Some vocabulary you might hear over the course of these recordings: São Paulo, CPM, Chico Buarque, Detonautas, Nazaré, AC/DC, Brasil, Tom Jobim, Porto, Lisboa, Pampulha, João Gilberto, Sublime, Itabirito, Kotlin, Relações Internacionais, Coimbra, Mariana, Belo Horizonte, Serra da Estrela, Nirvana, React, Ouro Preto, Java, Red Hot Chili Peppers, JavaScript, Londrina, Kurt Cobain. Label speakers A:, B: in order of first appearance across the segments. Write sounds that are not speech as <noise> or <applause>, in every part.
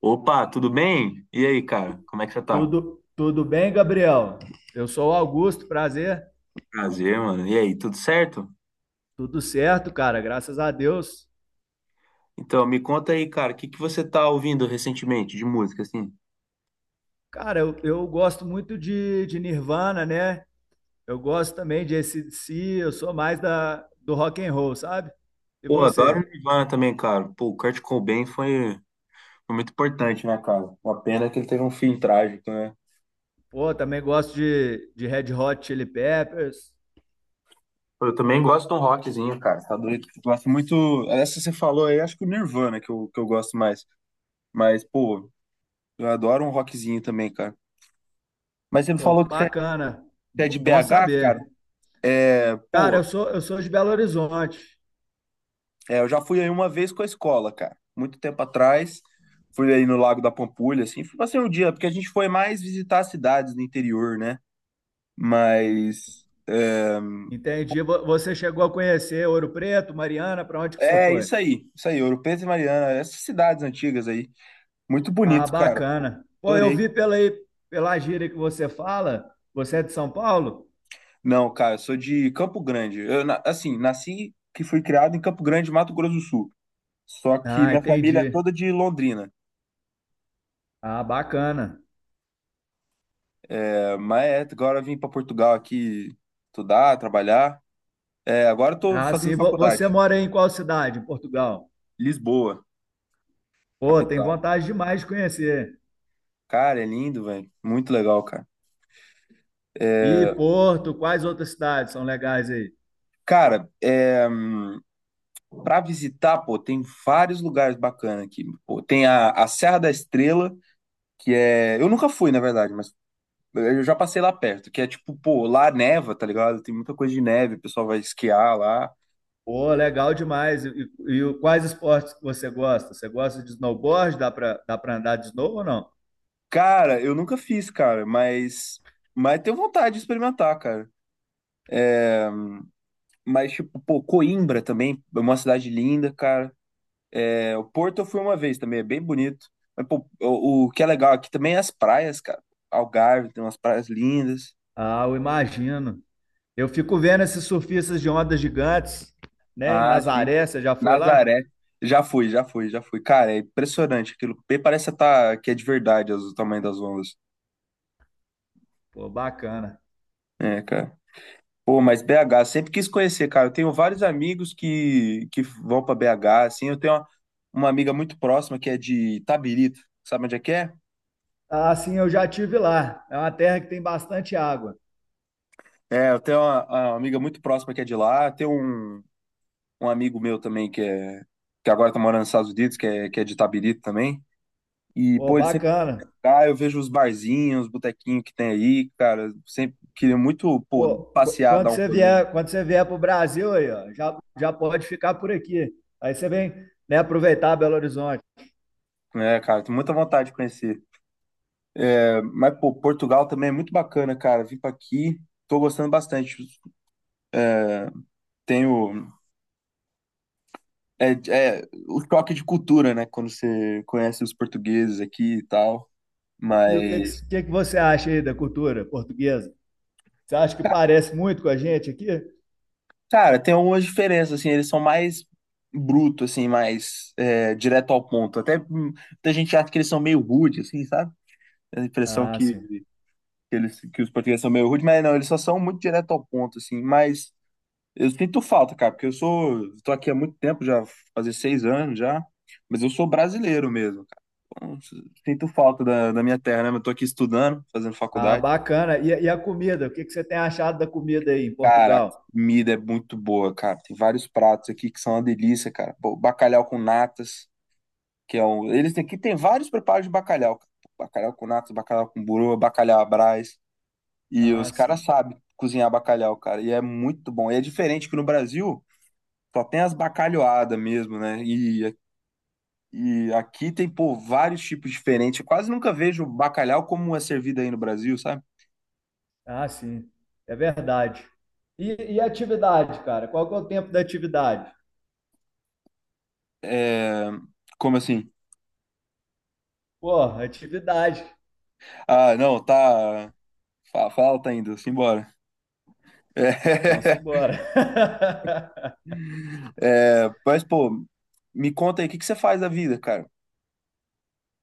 A: Opa, tudo bem? E aí, cara? Como é que você tá?
B: Tudo bem, Gabriel? Eu sou o Augusto, prazer.
A: Prazer, mano. E aí, tudo certo?
B: Tudo certo, cara, graças a Deus.
A: Então, me conta aí, cara, o que que você tá ouvindo recentemente de música, assim?
B: Cara, eu gosto muito de Nirvana, né? Eu gosto também de AC/DC, eu sou mais do rock and roll, sabe? E
A: Pô, adoro
B: você?
A: Nirvana também, cara. Pô, o Kurt Cobain foi muito importante, né, cara? Uma pena que ele teve um fim trágico, né?
B: Pô, também gosto de Red Hot Chili Peppers.
A: Pô, eu também gosto de um rockzinho, cara. Tá doido? Eu gosto muito. Essa que você falou aí, acho que o Nirvana que eu gosto mais. Mas, pô, eu adoro um rockzinho também, cara. Mas você me
B: Pô,
A: falou que você é
B: bacana.
A: você é
B: B-
A: de
B: Bom
A: BH, cara?
B: saber. Cara, eu sou de Belo Horizonte.
A: É, eu já fui aí uma vez com a escola, cara. Muito tempo atrás. Fui aí no Lago da Pampulha, assim. Fui passei um dia, porque a gente foi mais visitar as cidades do interior, né? Mas. É,
B: Entendi. Você chegou a conhecer Ouro Preto, Mariana, para onde que você
A: é
B: foi?
A: isso aí. Isso aí, Ouro Preto e Mariana. Essas cidades antigas aí. Muito
B: Ah,
A: bonito, cara.
B: bacana. Pô, eu
A: Adorei.
B: vi pela gíria que você fala, você é de São Paulo?
A: Não, cara, eu sou de Campo Grande. Eu, assim, nasci que fui criado em Campo Grande, Mato Grosso do Sul. Só que
B: Ah,
A: minha família é
B: entendi.
A: toda de Londrina.
B: Ah, bacana.
A: É, mas agora eu vim para Portugal aqui estudar, trabalhar. É, agora eu tô
B: Ah,
A: fazendo
B: sim,
A: faculdade.
B: você mora em qual cidade, em Portugal?
A: Lisboa,
B: Pô, tem
A: capital.
B: vontade demais de conhecer.
A: Cara, é lindo, velho. Muito legal, cara.
B: E Porto, quais outras cidades são legais aí?
A: Cara, é, para visitar, pô, tem vários lugares bacanas aqui. Pô, tem a Serra da Estrela, que é. Eu nunca fui, na verdade, mas eu já passei lá perto, que é tipo, pô, lá neva, tá ligado? Tem muita coisa de neve, o pessoal vai esquiar lá.
B: Pô, legal demais. E, e quais esportes que você gosta? Você gosta de snowboard? Dá pra andar de snow ou não?
A: Cara, eu nunca fiz, cara, mas. Mas tenho vontade de experimentar, cara. Mas, tipo, pô, Coimbra também, é uma cidade linda, cara. É, o Porto eu fui uma vez também, é bem bonito. Mas, pô, o que é legal aqui também é as praias, cara. Algarve tem umas praias lindas.
B: Ah, eu imagino. Eu fico vendo esses surfistas de ondas gigantes, né, em
A: Ah, sim.
B: Nazaré, você já foi lá?
A: Nazaré. Já fui, já fui, já fui. Cara, é impressionante aquilo. Bem, parece que, tá, que é de verdade o tamanho das ondas.
B: Pô, bacana.
A: É, cara. Pô, mas BH, sempre quis conhecer, cara. Eu tenho vários amigos que vão pra BH, assim. Eu tenho uma amiga muito próxima que é de Itabirito. Sabe onde é que é?
B: Ah, sim, eu já tive lá. É uma terra que tem bastante água.
A: É, eu tenho uma amiga muito próxima que é de lá. Tem um amigo meu também que é que agora tá morando nos Estados Unidos, que é de Itabirito também. E,
B: Pô,
A: pô, ele sempre
B: bacana.
A: ah, eu vejo os barzinhos, os botequinhos que tem aí, cara. Sempre queria muito, pô,
B: Pô, qu-
A: passear,
B: quando
A: dar um
B: você
A: rolê,
B: vier, quando você vier para o Brasil aí, ó, já pode ficar por aqui. Aí você vem, né, aproveitar Belo Horizonte.
A: né, cara? Tenho muita vontade de conhecer. É, mas, pô, Portugal também é muito bacana, cara. Vim pra aqui, tô gostando bastante. Tenho. É, é o choque de cultura, né? Quando você conhece os portugueses aqui e tal.
B: E o que,
A: Mas.
B: que, que que você acha aí da cultura portuguesa? Você acha que parece muito com a gente aqui?
A: Cara, tem algumas diferenças, assim, eles são mais bruto, assim, mais direto ao ponto. Até muita gente acha que eles são meio rude, assim, sabe? A impressão
B: Ah,
A: que,
B: sim.
A: que que os portugueses são meio rude, mas não, eles só são muito direto ao ponto, assim. Mas eu sinto falta, cara, porque tô aqui há muito tempo, já fazer 6 anos já, mas eu sou brasileiro mesmo, cara. Então, sinto falta da minha terra, né? Eu tô aqui estudando, fazendo
B: Ah,
A: faculdade.
B: bacana. E a comida? O que você tem achado da comida aí em
A: Cara, a
B: Portugal?
A: comida é muito boa, cara. Tem vários pratos aqui que são uma delícia, cara. Pô, bacalhau com natas, que é um. Eles têm aqui tem vários preparos de bacalhau, cara. Bacalhau com natas, bacalhau com burô, bacalhau à Brás. E os
B: Ah,
A: caras
B: sim.
A: sabem cozinhar bacalhau, cara. E é muito bom. E é diferente que no Brasil só tem as bacalhoadas mesmo, né? E aqui tem, pô, vários tipos diferentes. Eu quase nunca vejo bacalhau como é servido aí no Brasil, sabe?
B: Ah, sim. É verdade. E atividade, cara? Qual que é o tempo da atividade?
A: É... Como assim?
B: Porra, atividade.
A: Ah, não, tá. Falta ainda, simbora.
B: Então,
A: É, <laughs>
B: simbora. <laughs>
A: mas, pô, me conta aí, o que que você faz da vida, cara?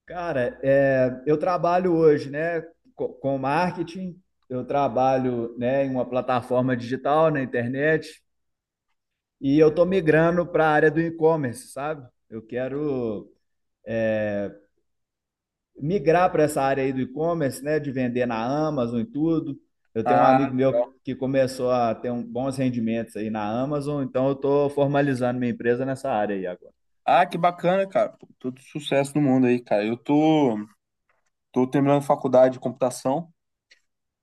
B: Cara, é, eu trabalho hoje, né, com marketing. Eu trabalho, né, em uma plataforma digital na internet e eu tô migrando para a área do e-commerce, sabe? Eu quero migrar para essa área aí do e-commerce, né, de vender na Amazon e tudo. Eu tenho um
A: Ah,
B: amigo
A: legal.
B: meu que começou a ter um, bons rendimentos aí na Amazon, então eu estou formalizando minha empresa nessa área aí agora.
A: Ah, que bacana, cara. Pô, todo sucesso no mundo aí, cara. Eu tô terminando faculdade de computação.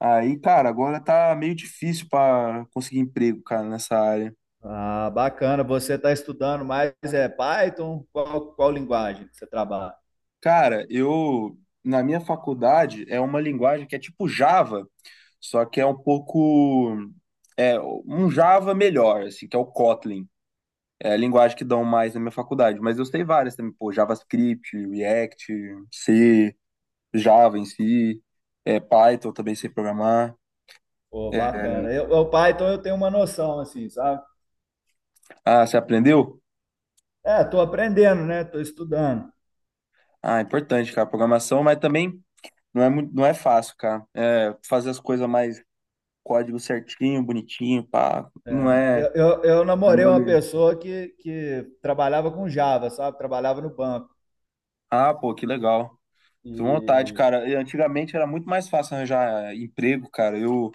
A: Aí, cara, agora tá meio difícil para conseguir emprego, cara, nessa área.
B: Ah, bacana. Você está estudando mais é Python? Qual linguagem que você trabalha?
A: Cara, eu, na minha faculdade, é uma linguagem que é tipo Java, só que é um pouco, um Java melhor, assim, que é o Kotlin. Linguagem que dão mais na minha faculdade, mas eu sei várias também, pô, JavaScript, React, C, Java em si, Python também sei programar.
B: Pô,
A: É.
B: bacana. Eu, o Python eu tenho uma noção, assim, sabe?
A: Ah, você aprendeu?
B: É, estou aprendendo, né? Estou estudando.
A: Ah, importante, cara, programação, mas também não é muito, não é fácil, cara. Fazer as coisas mais código certinho, bonitinho, pá, não
B: É, eu,
A: é.
B: eu, eu
A: É
B: namorei uma
A: mole.
B: pessoa que trabalhava com Java, sabe? Trabalhava no banco.
A: Ah, pô, que legal. Tô com vontade,
B: E
A: cara. E antigamente era muito mais fácil arranjar emprego, cara. Eu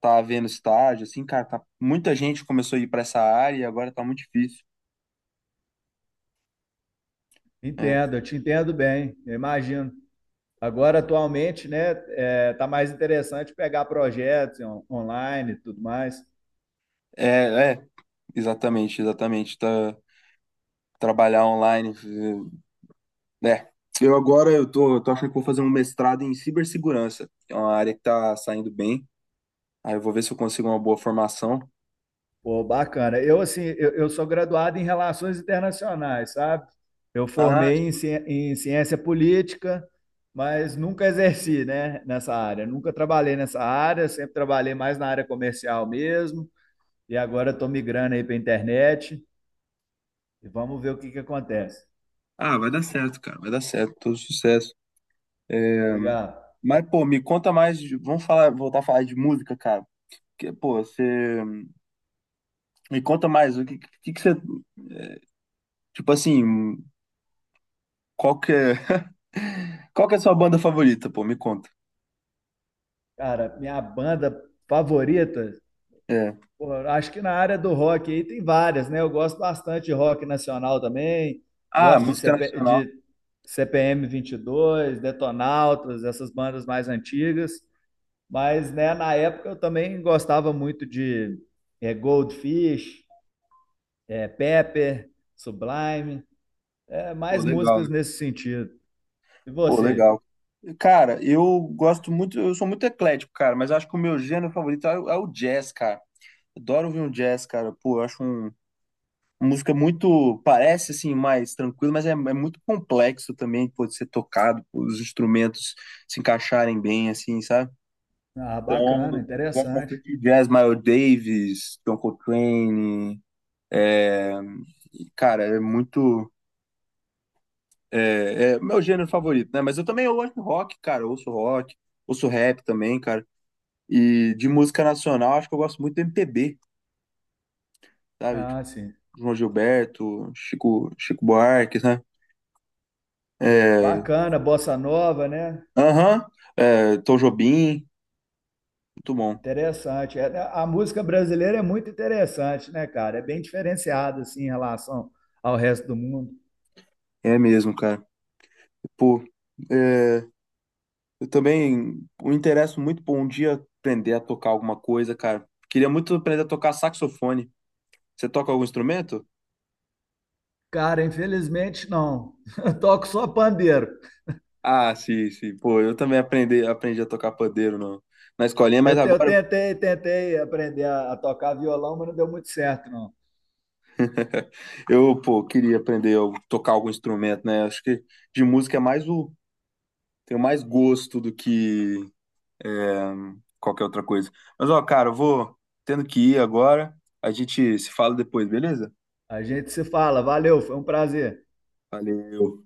A: tá havendo estágio, assim, cara, tá, muita gente começou a ir para essa área e agora tá muito difícil. Né?
B: Entendo, eu te entendo bem, eu imagino. Agora, atualmente, né, é, tá mais interessante pegar projetos online e tudo mais.
A: É, exatamente, exatamente. Tá, trabalhar online. É. Eu agora eu tô achando que vou fazer um mestrado em cibersegurança, que é uma área que tá saindo bem. Aí eu vou ver se eu consigo uma boa formação.
B: Pô, bacana. Eu, assim, eu sou graduado em Relações Internacionais, sabe? Eu
A: Ah,
B: formei em,
A: sim.
B: em Ciência Política, mas nunca exerci, né, nessa área. Nunca trabalhei nessa área, sempre trabalhei mais na área comercial mesmo. E agora estou migrando aí para a internet e vamos ver o que que acontece.
A: Ah, vai dar certo, cara. Vai dar certo, todo sucesso. É,
B: Obrigado.
A: mas, pô, me conta mais. Voltar a falar de música, cara. Porque, pô, você. Me conta mais. O que você. Tipo assim, qual que é, <laughs> qual que é a sua banda favorita, pô? Me conta.
B: Cara, minha banda favorita,
A: É.
B: pô, acho que na área do rock aí tem várias, né? Eu gosto bastante de rock nacional também,
A: Ah,
B: gosto de,
A: música nacional.
B: CPM 22, Detonautas, essas bandas mais antigas. Mas, né, na época eu também gostava muito de é, Goldfish, é, Pepper, Sublime, é,
A: Pô,
B: mais
A: legal, né?
B: músicas nesse sentido. E
A: Pô,
B: você?
A: legal. Cara, eu gosto muito, eu sou muito eclético, cara, mas eu acho que o meu gênero favorito é o jazz, cara. Adoro ouvir um jazz, cara. Pô, eu acho uma música muito, parece assim, mais tranquila, mas é muito complexo também, pode ser tocado, pô, os instrumentos se encaixarem bem, assim, sabe?
B: Ah,
A: Então,
B: bacana,
A: gosto
B: interessante.
A: bastante de jazz, Miles Davis, John Coltrane, é, E, cara, é muito. É meu gênero favorito, né? Mas eu também eu gosto de rock, cara. Eu ouço rock, ouço rap também, cara. E de música nacional, acho que eu gosto muito do MPB, sabe? Tipo,
B: Ah, sim.
A: João Gilberto, Chico, Chico Buarque, né? É,
B: Bacana, bossa nova, né?
A: aham, Tom Jobim, muito bom.
B: Interessante. É, a música brasileira é muito interessante, né, cara? É bem diferenciada, assim, em relação ao resto do mundo.
A: É mesmo, cara. Pô, é, eu também me interesso muito por um dia aprender a tocar alguma coisa, cara. Queria muito aprender a tocar saxofone. Você toca algum instrumento?
B: Cara, infelizmente não. <laughs> Eu toco só pandeiro.
A: Ah, sim, sim. Pô, eu também aprendi a tocar pandeiro no, na escolinha, mas
B: Eu, te- eu
A: agora
B: tentei, tentei aprender a tocar violão, mas não deu muito certo, não.
A: <laughs> eu, pô, queria aprender a tocar algum instrumento, né? Acho que de música é mais o. Tenho mais gosto do que é, qualquer outra coisa. Mas, ó, cara, eu vou tendo que ir agora. A gente se fala depois, beleza?
B: A gente se fala. Valeu, foi um prazer.
A: Valeu.